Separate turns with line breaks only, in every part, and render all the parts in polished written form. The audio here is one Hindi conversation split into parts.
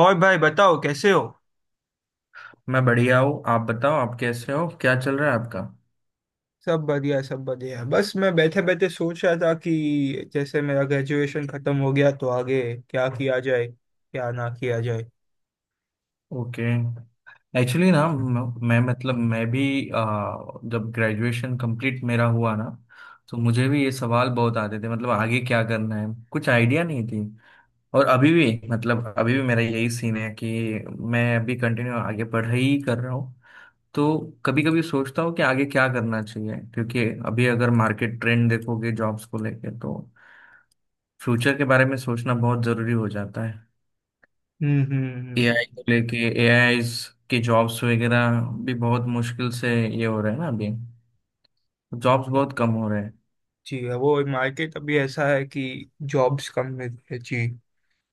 और भाई बताओ कैसे हो?
मैं बढ़िया हूँ। आप बताओ, आप कैसे हो? क्या चल रहा है आपका?
सब बढ़िया, सब बढ़िया। बस मैं बैठे बैठे सोच रहा था कि जैसे मेरा ग्रेजुएशन खत्म हो गया तो आगे क्या किया जाए, क्या ना किया जाए।
ओके। मैं मतलब मैं भी आ, जब ग्रेजुएशन कंप्लीट मेरा हुआ ना तो मुझे भी ये सवाल बहुत आते थे, मतलब आगे क्या करना है, कुछ आइडिया नहीं थी। और अभी भी मतलब अभी भी मेरा यही सीन है कि मैं अभी कंटिन्यू आगे पढ़ाई ही कर रहा हूँ। तो कभी कभी सोचता हूँ कि आगे क्या करना चाहिए, क्योंकि अभी अगर मार्केट ट्रेंड देखोगे जॉब्स को लेके तो फ्यूचर के बारे में सोचना बहुत जरूरी हो जाता है।
हम्म।
एआई को लेके एआई की जॉब्स वगैरह भी बहुत मुश्किल से ये हो रहे हैं ना अभी, जॉब्स
क्या-
बहुत कम हो रहे हैं।
जी, वो मार्केट अभी ऐसा है कि जॉब्स कम मिल रही है जी।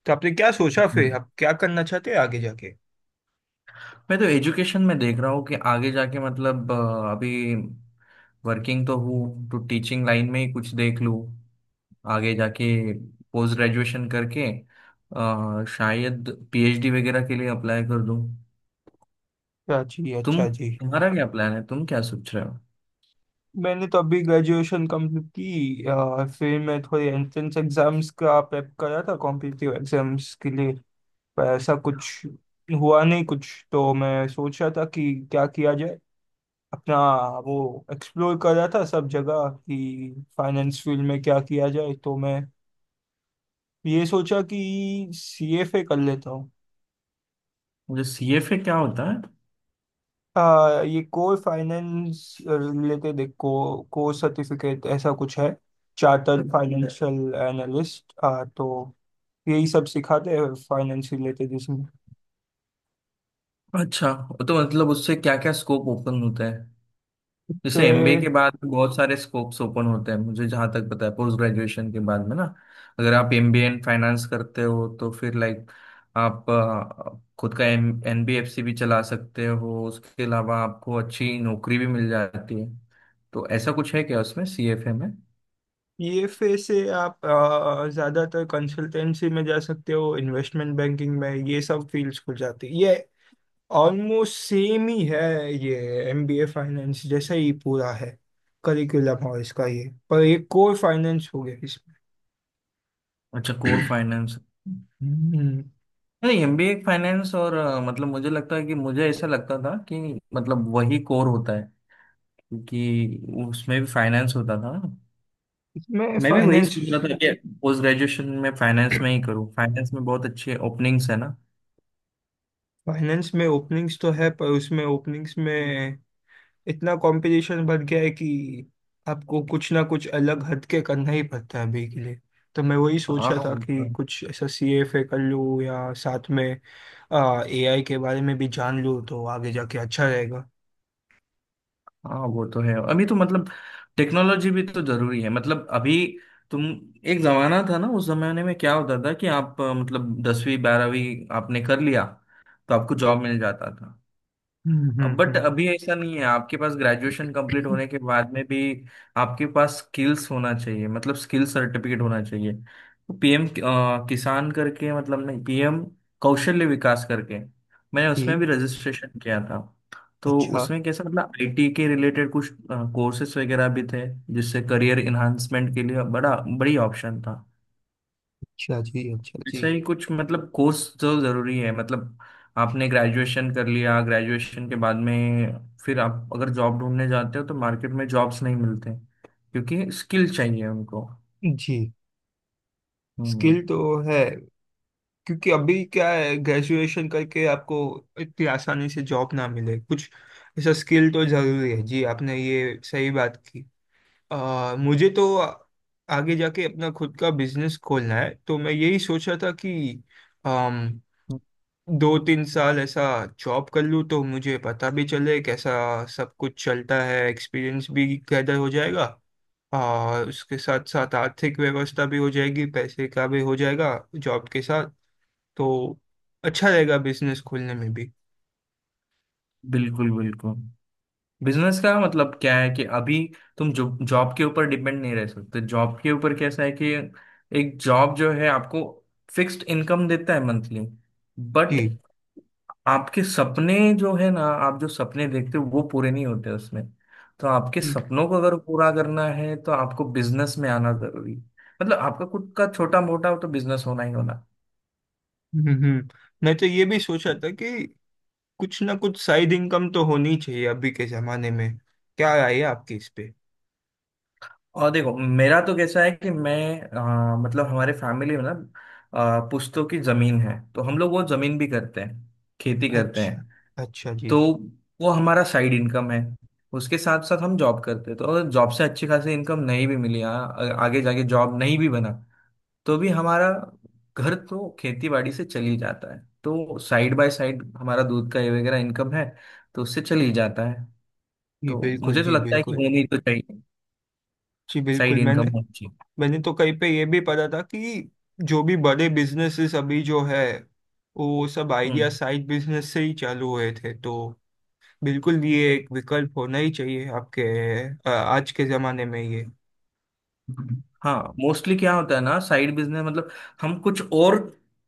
तो आपने क्या सोचा फिर?
हम्म।
आप क्या करना चाहते हैं आगे जाके?
मैं तो एजुकेशन में देख रहा हूँ कि आगे जाके मतलब अभी वर्किंग तो हूँ तो टीचिंग लाइन में ही कुछ देख लूँ, आगे जाके पोस्ट ग्रेजुएशन करके शायद पीएचडी वगैरह के लिए अप्लाई कर दूँ।
अच्छा जी, अच्छा
तुम,
जी।
तुम्हारा क्या प्लान है? तुम क्या सोच रहे हो?
मैंने तो अभी ग्रेजुएशन कंप्लीट की, फिर मैं थोड़े एंट्रेंस एग्जाम्स का प्रेप करा था कॉम्पिटिटिव एग्जाम्स के लिए। पर ऐसा कुछ हुआ नहीं, कुछ तो मैं सोच रहा था कि क्या किया जाए अपना। वो एक्सप्लोर कर रहा था सब जगह कि फाइनेंस फील्ड में क्या किया जाए, तो मैं ये सोचा कि सीएफए कर लेता हूँ।
मुझे सीएफए क्या होता है?
हाँ, ये कोर फाइनेंस रिलेटेड एक कोर्स सर्टिफिकेट ऐसा कुछ है। चार्टर्ड फाइनेंशियल एनालिस्ट, हाँ, तो यही सब सिखाते हैं फाइनेंस रिलेटेड इसमें।
अच्छा, तो मतलब उससे क्या क्या स्कोप ओपन होता है?
तो
जैसे एमबीए के बाद भी बहुत सारे स्कोप्स ओपन होते हैं, मुझे जहाँ तक पता है पोस्ट ग्रेजुएशन के बाद में ना, अगर आप एमबीए इन फाइनेंस करते हो तो फिर लाइक आप खुद का एम एनबीएफसी भी चला सकते हो, उसके अलावा आपको अच्छी नौकरी भी मिल जाती है। तो ऐसा कुछ है क्या उसमें, सीएफए में?
पीएफए से आप ज्यादातर कंसल्टेंसी में जा सकते हो, इन्वेस्टमेंट बैंकिंग में, ये सब फील्ड्स खुल जाती है। ये ऑलमोस्ट सेम ही है। ये एमबीए फाइनेंस जैसा ही पूरा है करिकुलम और इसका, ये पर एक कोर फाइनेंस हो गया इसमें।
अच्छा, कोर फाइनेंस।
हम्म,
नहीं, एमबीए फाइनेंस और मतलब मुझे लगता है कि मुझे ऐसा लगता था कि मतलब वही कोर होता है, क्योंकि उसमें भी फाइनेंस होता था।
इसमें
मैं भी वही
फाइनेंस।
सोच रहा था कि पोस्ट ग्रेजुएशन में फाइनेंस में ही करूँ, फाइनेंस में बहुत अच्छे ओपनिंग्स है ना।
फाइनेंस में ओपनिंग्स तो है पर उसमें ओपनिंग्स में इतना कंपटीशन बढ़ गया है कि आपको कुछ ना कुछ अलग हट के करना ही पड़ता है अभी के लिए। तो मैं वही सोच
हाँ
रहा था
वो
कि
तो
कुछ ऐसा CFA कर लूँ या साथ में AI के बारे में भी जान लूँ तो आगे जाके अच्छा रहेगा।
हाँ वो तो है। अभी तो मतलब टेक्नोलॉजी भी तो जरूरी है, मतलब अभी तुम एक जमाना था ना, उस जमाने में क्या होता था कि आप मतलब 10वीं 12वीं आपने कर लिया तो आपको जॉब मिल जाता था। बट
हम्म।
अभी ऐसा नहीं है, आपके पास ग्रेजुएशन कंप्लीट होने के बाद में भी आपके पास स्किल्स होना चाहिए, मतलब स्किल सर्टिफिकेट होना चाहिए। तो पीएम किसान करके, मतलब नहीं, पीएम कौशल्य विकास करके, मैंने उसमें
जी।
भी रजिस्ट्रेशन किया था। तो
अच्छा
उसमें कैसा, मतलब आईटी के रिलेटेड कुछ कोर्सेज वगैरह भी थे, जिससे करियर इन्हांसमेंट के लिए बड़ा, बड़ी ऑप्शन था।
अच्छा जी। अच्छा जी।
ऐसा ही कुछ मतलब कोर्स जो जरूरी है, मतलब आपने ग्रेजुएशन कर लिया, ग्रेजुएशन के बाद में फिर आप अगर जॉब ढूंढने जाते हो तो मार्केट में जॉब्स नहीं मिलते, क्योंकि स्किल चाहिए उनको।
जी। स्किल
हम्म।
तो है, क्योंकि अभी क्या है, ग्रेजुएशन करके आपको इतनी आसानी से जॉब ना मिले। कुछ ऐसा स्किल तो जरूरी है जी, आपने ये सही बात की। मुझे तो आगे जाके अपना खुद का बिजनेस खोलना है, तो मैं यही सोच रहा था कि अम, 2-3 साल ऐसा जॉब कर लूँ तो मुझे पता भी चले कैसा सब कुछ चलता है, एक्सपीरियंस भी गैदर हो जाएगा। और उसके साथ साथ आर्थिक व्यवस्था भी हो जाएगी, पैसे का भी हो जाएगा जॉब के साथ। तो अच्छा रहेगा बिजनेस खोलने में भी।
बिल्कुल बिल्कुल। बिजनेस का मतलब क्या है कि अभी तुम जो जॉब के ऊपर डिपेंड नहीं रह सकते, जॉब के ऊपर कैसा है कि एक जॉब जो है आपको फिक्स्ड इनकम देता है मंथली,
जी
बट आपके सपने जो है ना, आप जो सपने देखते हो वो पूरे नहीं होते उसमें। तो आपके
जी।
सपनों को अगर पूरा करना है तो आपको बिजनेस में आना जरूरी है, मतलब आपका खुद का छोटा मोटा तो बिजनेस होना ही होना।
हम्म। मैं तो ये भी सोच रहा था कि कुछ ना कुछ साइड इनकम तो होनी चाहिए अभी के जमाने में। क्या राय है आपकी इस पे?
और देखो, मेरा तो कैसा है कि मैं मतलब हमारे फैमिली में ना पुश्तों की जमीन है, तो हम लोग वो जमीन भी करते हैं, खेती करते
अच्छा
हैं।
अच्छा। जी
तो वो हमारा साइड इनकम है, उसके साथ साथ हम जॉब करते हैं। तो अगर जॉब से अच्छी खासी इनकम नहीं भी मिली, आगे जाके जॉब नहीं भी बना, तो भी हमारा घर तो खेती बाड़ी से चल ही जाता है। तो साइड बाय साइड हमारा दूध का ये वगैरह इनकम है, तो उससे चल ही जाता है।
जी
तो
बिल्कुल,
मुझे तो
जी
लगता है कि
बिल्कुल।
होनी तो चाहिए,
जी
साइड
बिल्कुल। मैंने
इनकम होनी चाहिए।
मैंने तो कहीं पे ये भी पढ़ा था कि जो भी बड़े बिजनेसेस अभी जो है, वो सब आइडिया
हम्म।
साइड बिजनेस से ही चालू हुए थे, तो बिल्कुल ये एक विकल्प होना ही चाहिए आपके आज के जमाने में ये।
हाँ, मोस्टली क्या होता है ना, साइड बिजनेस मतलब हम कुछ और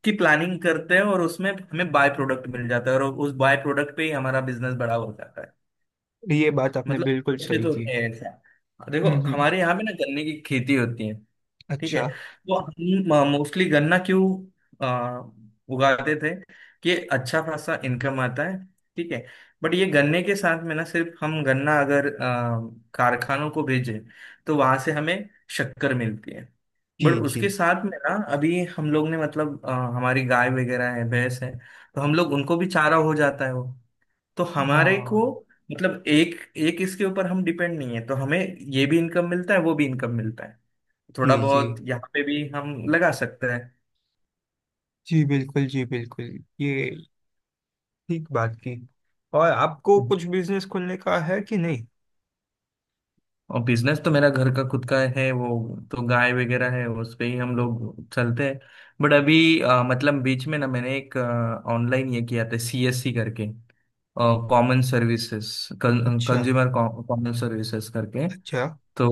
की प्लानिंग करते हैं और उसमें हमें बाय प्रोडक्ट मिल जाता है और उस बाय प्रोडक्ट पे ही हमारा बिजनेस बड़ा हो जाता है।
ये बात आपने
मतलब
बिल्कुल
उसके
सही
तो
की।
है ऐसा। देखो
हम्म।
हमारे यहाँ पे ना गन्ने की खेती होती है, ठीक है।
अच्छा
तो हम मोस्टली गन्ना क्यों आ, उगाते थे? कि अच्छा खासा इनकम आता है, ठीक है। बट ये गन्ने के साथ में ना, सिर्फ हम गन्ना अगर कारखानों को भेजें, तो वहां से हमें शक्कर मिलती है।
जी।
बट उसके
जी
साथ में ना अभी हम लोग ने मतलब हमारी गाय वगैरह है, भैंस है, तो हम लोग उनको भी चारा हो जाता है वो। तो हमारे को
हाँ।
मतलब एक एक इसके ऊपर हम डिपेंड नहीं है, तो हमें ये भी इनकम मिलता है, वो भी इनकम मिलता है।
जी
थोड़ा
जी
बहुत यहाँ पे भी हम लगा सकते हैं।
जी बिल्कुल, जी बिल्कुल। ये ठीक बात की। और आपको कुछ बिजनेस खोलने का है कि नहीं?
और बिजनेस तो मेरा घर का खुद का है वो, तो गाय वगैरह है उस पे ही हम लोग चलते हैं। बट अभी मतलब बीच में ना मैंने एक ऑनलाइन ये किया था, सीएससी करके, कॉमन सर्विसेज,
अच्छा
कंज्यूमर कॉमन सर्विसेज करके।
अच्छा।
तो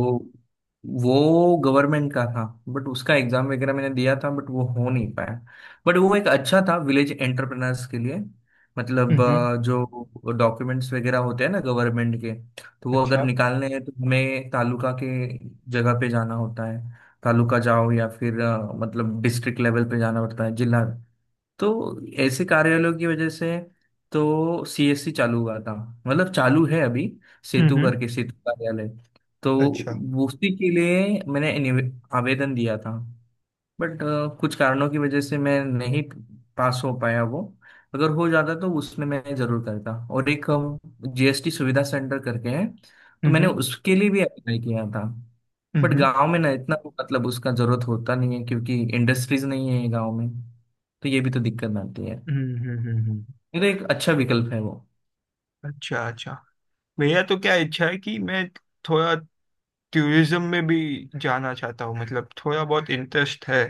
वो गवर्नमेंट का था, बट उसका एग्जाम वगैरह मैंने दिया था, बट वो हो नहीं पाया। बट वो एक अच्छा था विलेज एंटरप्रेनर्स के लिए, मतलब
हम्म।
जो डॉक्यूमेंट्स वगैरह होते हैं ना गवर्नमेंट के, तो वो अगर
अच्छा।
निकालने हैं तो हमें तालुका के जगह पे जाना होता है। तालुका जाओ या फिर मतलब डिस्ट्रिक्ट लेवल पे जाना पड़ता है, जिला। तो ऐसे कार्यालयों की वजह से तो सीएससी चालू हुआ था, मतलब चालू है अभी, सेतु
हम्म।
करके, सेतु कार्यालय। तो
अच्छा।
वो उसी के लिए मैंने आवेदन दिया था। बट कुछ कारणों की वजह से मैं नहीं पास हो पाया वो। अगर हो जाता तो उसमें मैं जरूर करता। और एक जीएसटी सुविधा सेंटर करके है, तो मैंने
हम्म
उसके लिए भी अप्लाई किया था। बट
हम्म
गांव में ना इतना मतलब उसका जरूरत होता नहीं है क्योंकि इंडस्ट्रीज नहीं है गांव में, तो ये भी तो दिक्कत आती है।
हम्म।
ये तो एक अच्छा विकल्प है वो।
अच्छा अच्छा। भैया, तो क्या इच्छा है कि मैं थोड़ा टूरिज्म में भी जाना चाहता हूँ, मतलब थोड़ा बहुत इंटरेस्ट है।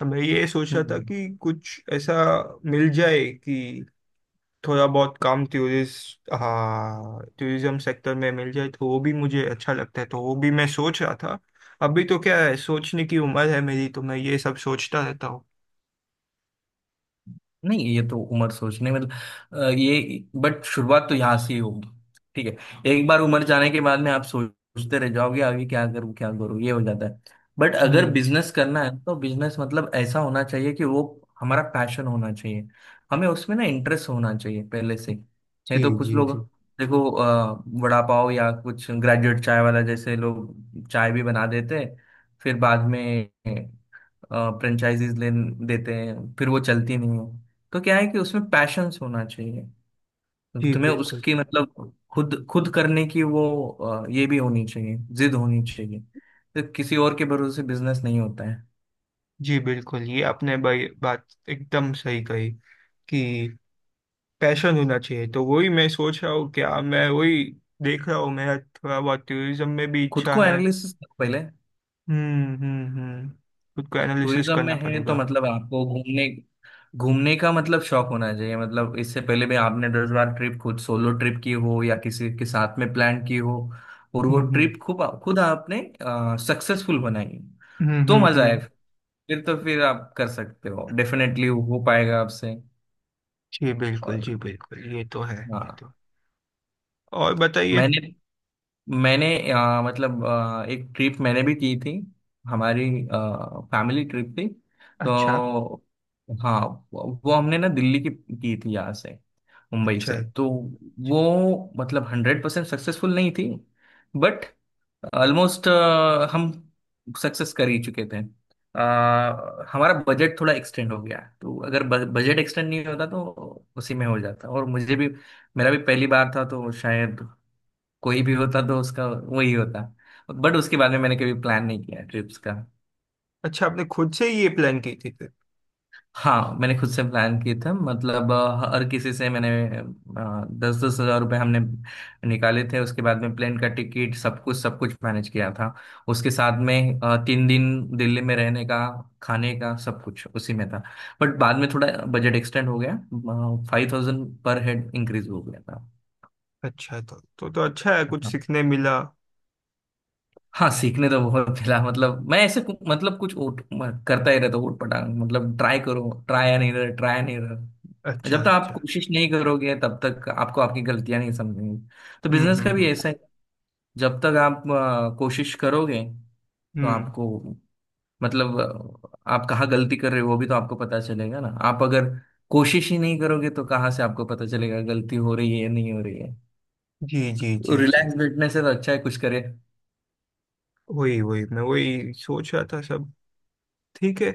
तो मैं ये सोच रहा था
हम्म।
कि कुछ ऐसा मिल जाए कि थोड़ा बहुत काम टूरिस्ट, हाँ, टूरिज्म सेक्टर में मिल जाए तो वो भी मुझे अच्छा लगता है, तो वो भी मैं सोच रहा था। अभी तो क्या है, सोचने की उम्र है मेरी, तो मैं ये सब सोचता रहता हूँ।
नहीं ये तो उम्र सोचने मतलब ये, बट शुरुआत तो यहाँ से ही होगी, ठीक है। एक बार उम्र जाने के बाद में आप सोचते रह जाओगे, आगे क्या करूँ क्या करूँ, ये हो जाता है। बट अगर
हम्म।
बिजनेस करना है तो बिजनेस मतलब ऐसा होना चाहिए कि वो हमारा पैशन होना चाहिए, हमें उसमें ना इंटरेस्ट होना चाहिए पहले से। नहीं
जी
तो कुछ
जी
लोग,
जी।
देखो वड़ा पाव या कुछ ग्रेजुएट चाय वाला जैसे लोग चाय भी बना देते हैं, फिर बाद में फ्रेंचाइजीज ले देते हैं, फिर वो चलती नहीं है। तो क्या है कि उसमें पैशंस होना चाहिए।
जी
तुम्हें
बिल्कुल,
उसकी मतलब खुद खुद करने की वो ये भी होनी चाहिए, जिद होनी चाहिए। तो किसी और के भरोसे बिजनेस नहीं होता है।
जी बिल्कुल। ये आपने भाई बात एकदम सही कही कि पैशन होना चाहिए, तो वही मैं सोच रहा हूँ। क्या मैं वही देख रहा हूँ, मेरा थोड़ा बहुत टूरिज्म में भी
खुद
इच्छा
को
है।
एनालिसिस पहले।
हम्म। खुद को एनालिसिस
टूरिज्म में
करना
है तो
पड़ेगा।
मतलब आपको घूमने घूमने का मतलब शौक होना चाहिए, मतलब इससे पहले भी आपने 10 बार ट्रिप खुद, सोलो ट्रिप की हो या किसी के साथ में प्लान की हो, और वो
हम्म हम्म
ट्रिप खूब खुद आपने सक्सेसफुल बनाई हो,
हम्म
तो
हम्म
मजा आए,
हम्म।
फिर तो फिर आप कर सकते हो, डेफिनेटली हो पाएगा आपसे।
जी बिल्कुल,
और
जी बिल्कुल, ये तो है। ये
हाँ,
तो है। और बताइए।
मैंने मैंने मतलब एक ट्रिप मैंने भी की थी, हमारी फैमिली ट्रिप थी।
अच्छा
तो हाँ, वो हमने ना दिल्ली की थी यहाँ से, मुंबई
अच्छा।
से। तो वो मतलब 100% सक्सेसफुल नहीं थी, बट ऑलमोस्ट हम सक्सेस कर ही चुके थे। हमारा बजट थोड़ा एक्सटेंड हो गया, तो अगर बजट एक्सटेंड नहीं होता तो उसी में हो जाता। और मुझे भी मेरा भी पहली बार था, तो शायद कोई भी होता तो उसका वही होता। बट उसके बारे में मैंने कभी प्लान नहीं किया ट्रिप्स का।
अच्छा, आपने खुद से ही ये प्लान की थी फिर?
हाँ, मैंने खुद से प्लान किए थे, मतलब हर किसी से मैंने 10-10 हज़ार रुपये हमने निकाले थे, उसके बाद में प्लेन का टिकट सब कुछ, सब कुछ मैनेज किया था। उसके साथ में 3 दिन दिल्ली में रहने का, खाने का, सब कुछ उसी में था। बट बाद में थोड़ा बजट एक्सटेंड हो गया, 5,000 पर हेड इंक्रीज हो गया था।
अच्छा, तो अच्छा है, कुछ सीखने मिला।
हाँ, सीखने तो बहुत मिला, मतलब मैं ऐसे मतलब कुछ करता ही रहता हूँ उटपटांग, मतलब ट्राई करो। ट्राई नहीं रहा,
अच्छा
जब तक आप
अच्छा।
कोशिश नहीं करोगे तब तक आपको आपकी गलतियां नहीं समझेंगी। तो
हम्म
बिजनेस का
हम्म
भी
हम्म
ऐसा है, जब तक आप कोशिश करोगे तो
हम्म।
आपको मतलब आप कहाँ गलती कर रहे हो वो भी तो आपको पता चलेगा ना। आप अगर कोशिश ही नहीं करोगे तो कहाँ से आपको पता चलेगा गलती हो रही है या नहीं हो रही है।
जी जी जी जी।
रिलैक्स बैठने से तो अच्छा है कुछ करे।
वही वही मैं वही सोच रहा था सब। ठीक है।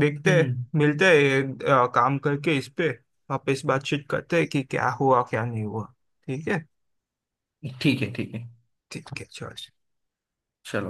देखते हैं,
हम्म।
मिलते हैं ये, काम करके इस पे वापस बातचीत करते हैं कि क्या हुआ क्या नहीं हुआ। ठीक है।
ठीक है, ठीक है,
ठीक है। चल।
चलो।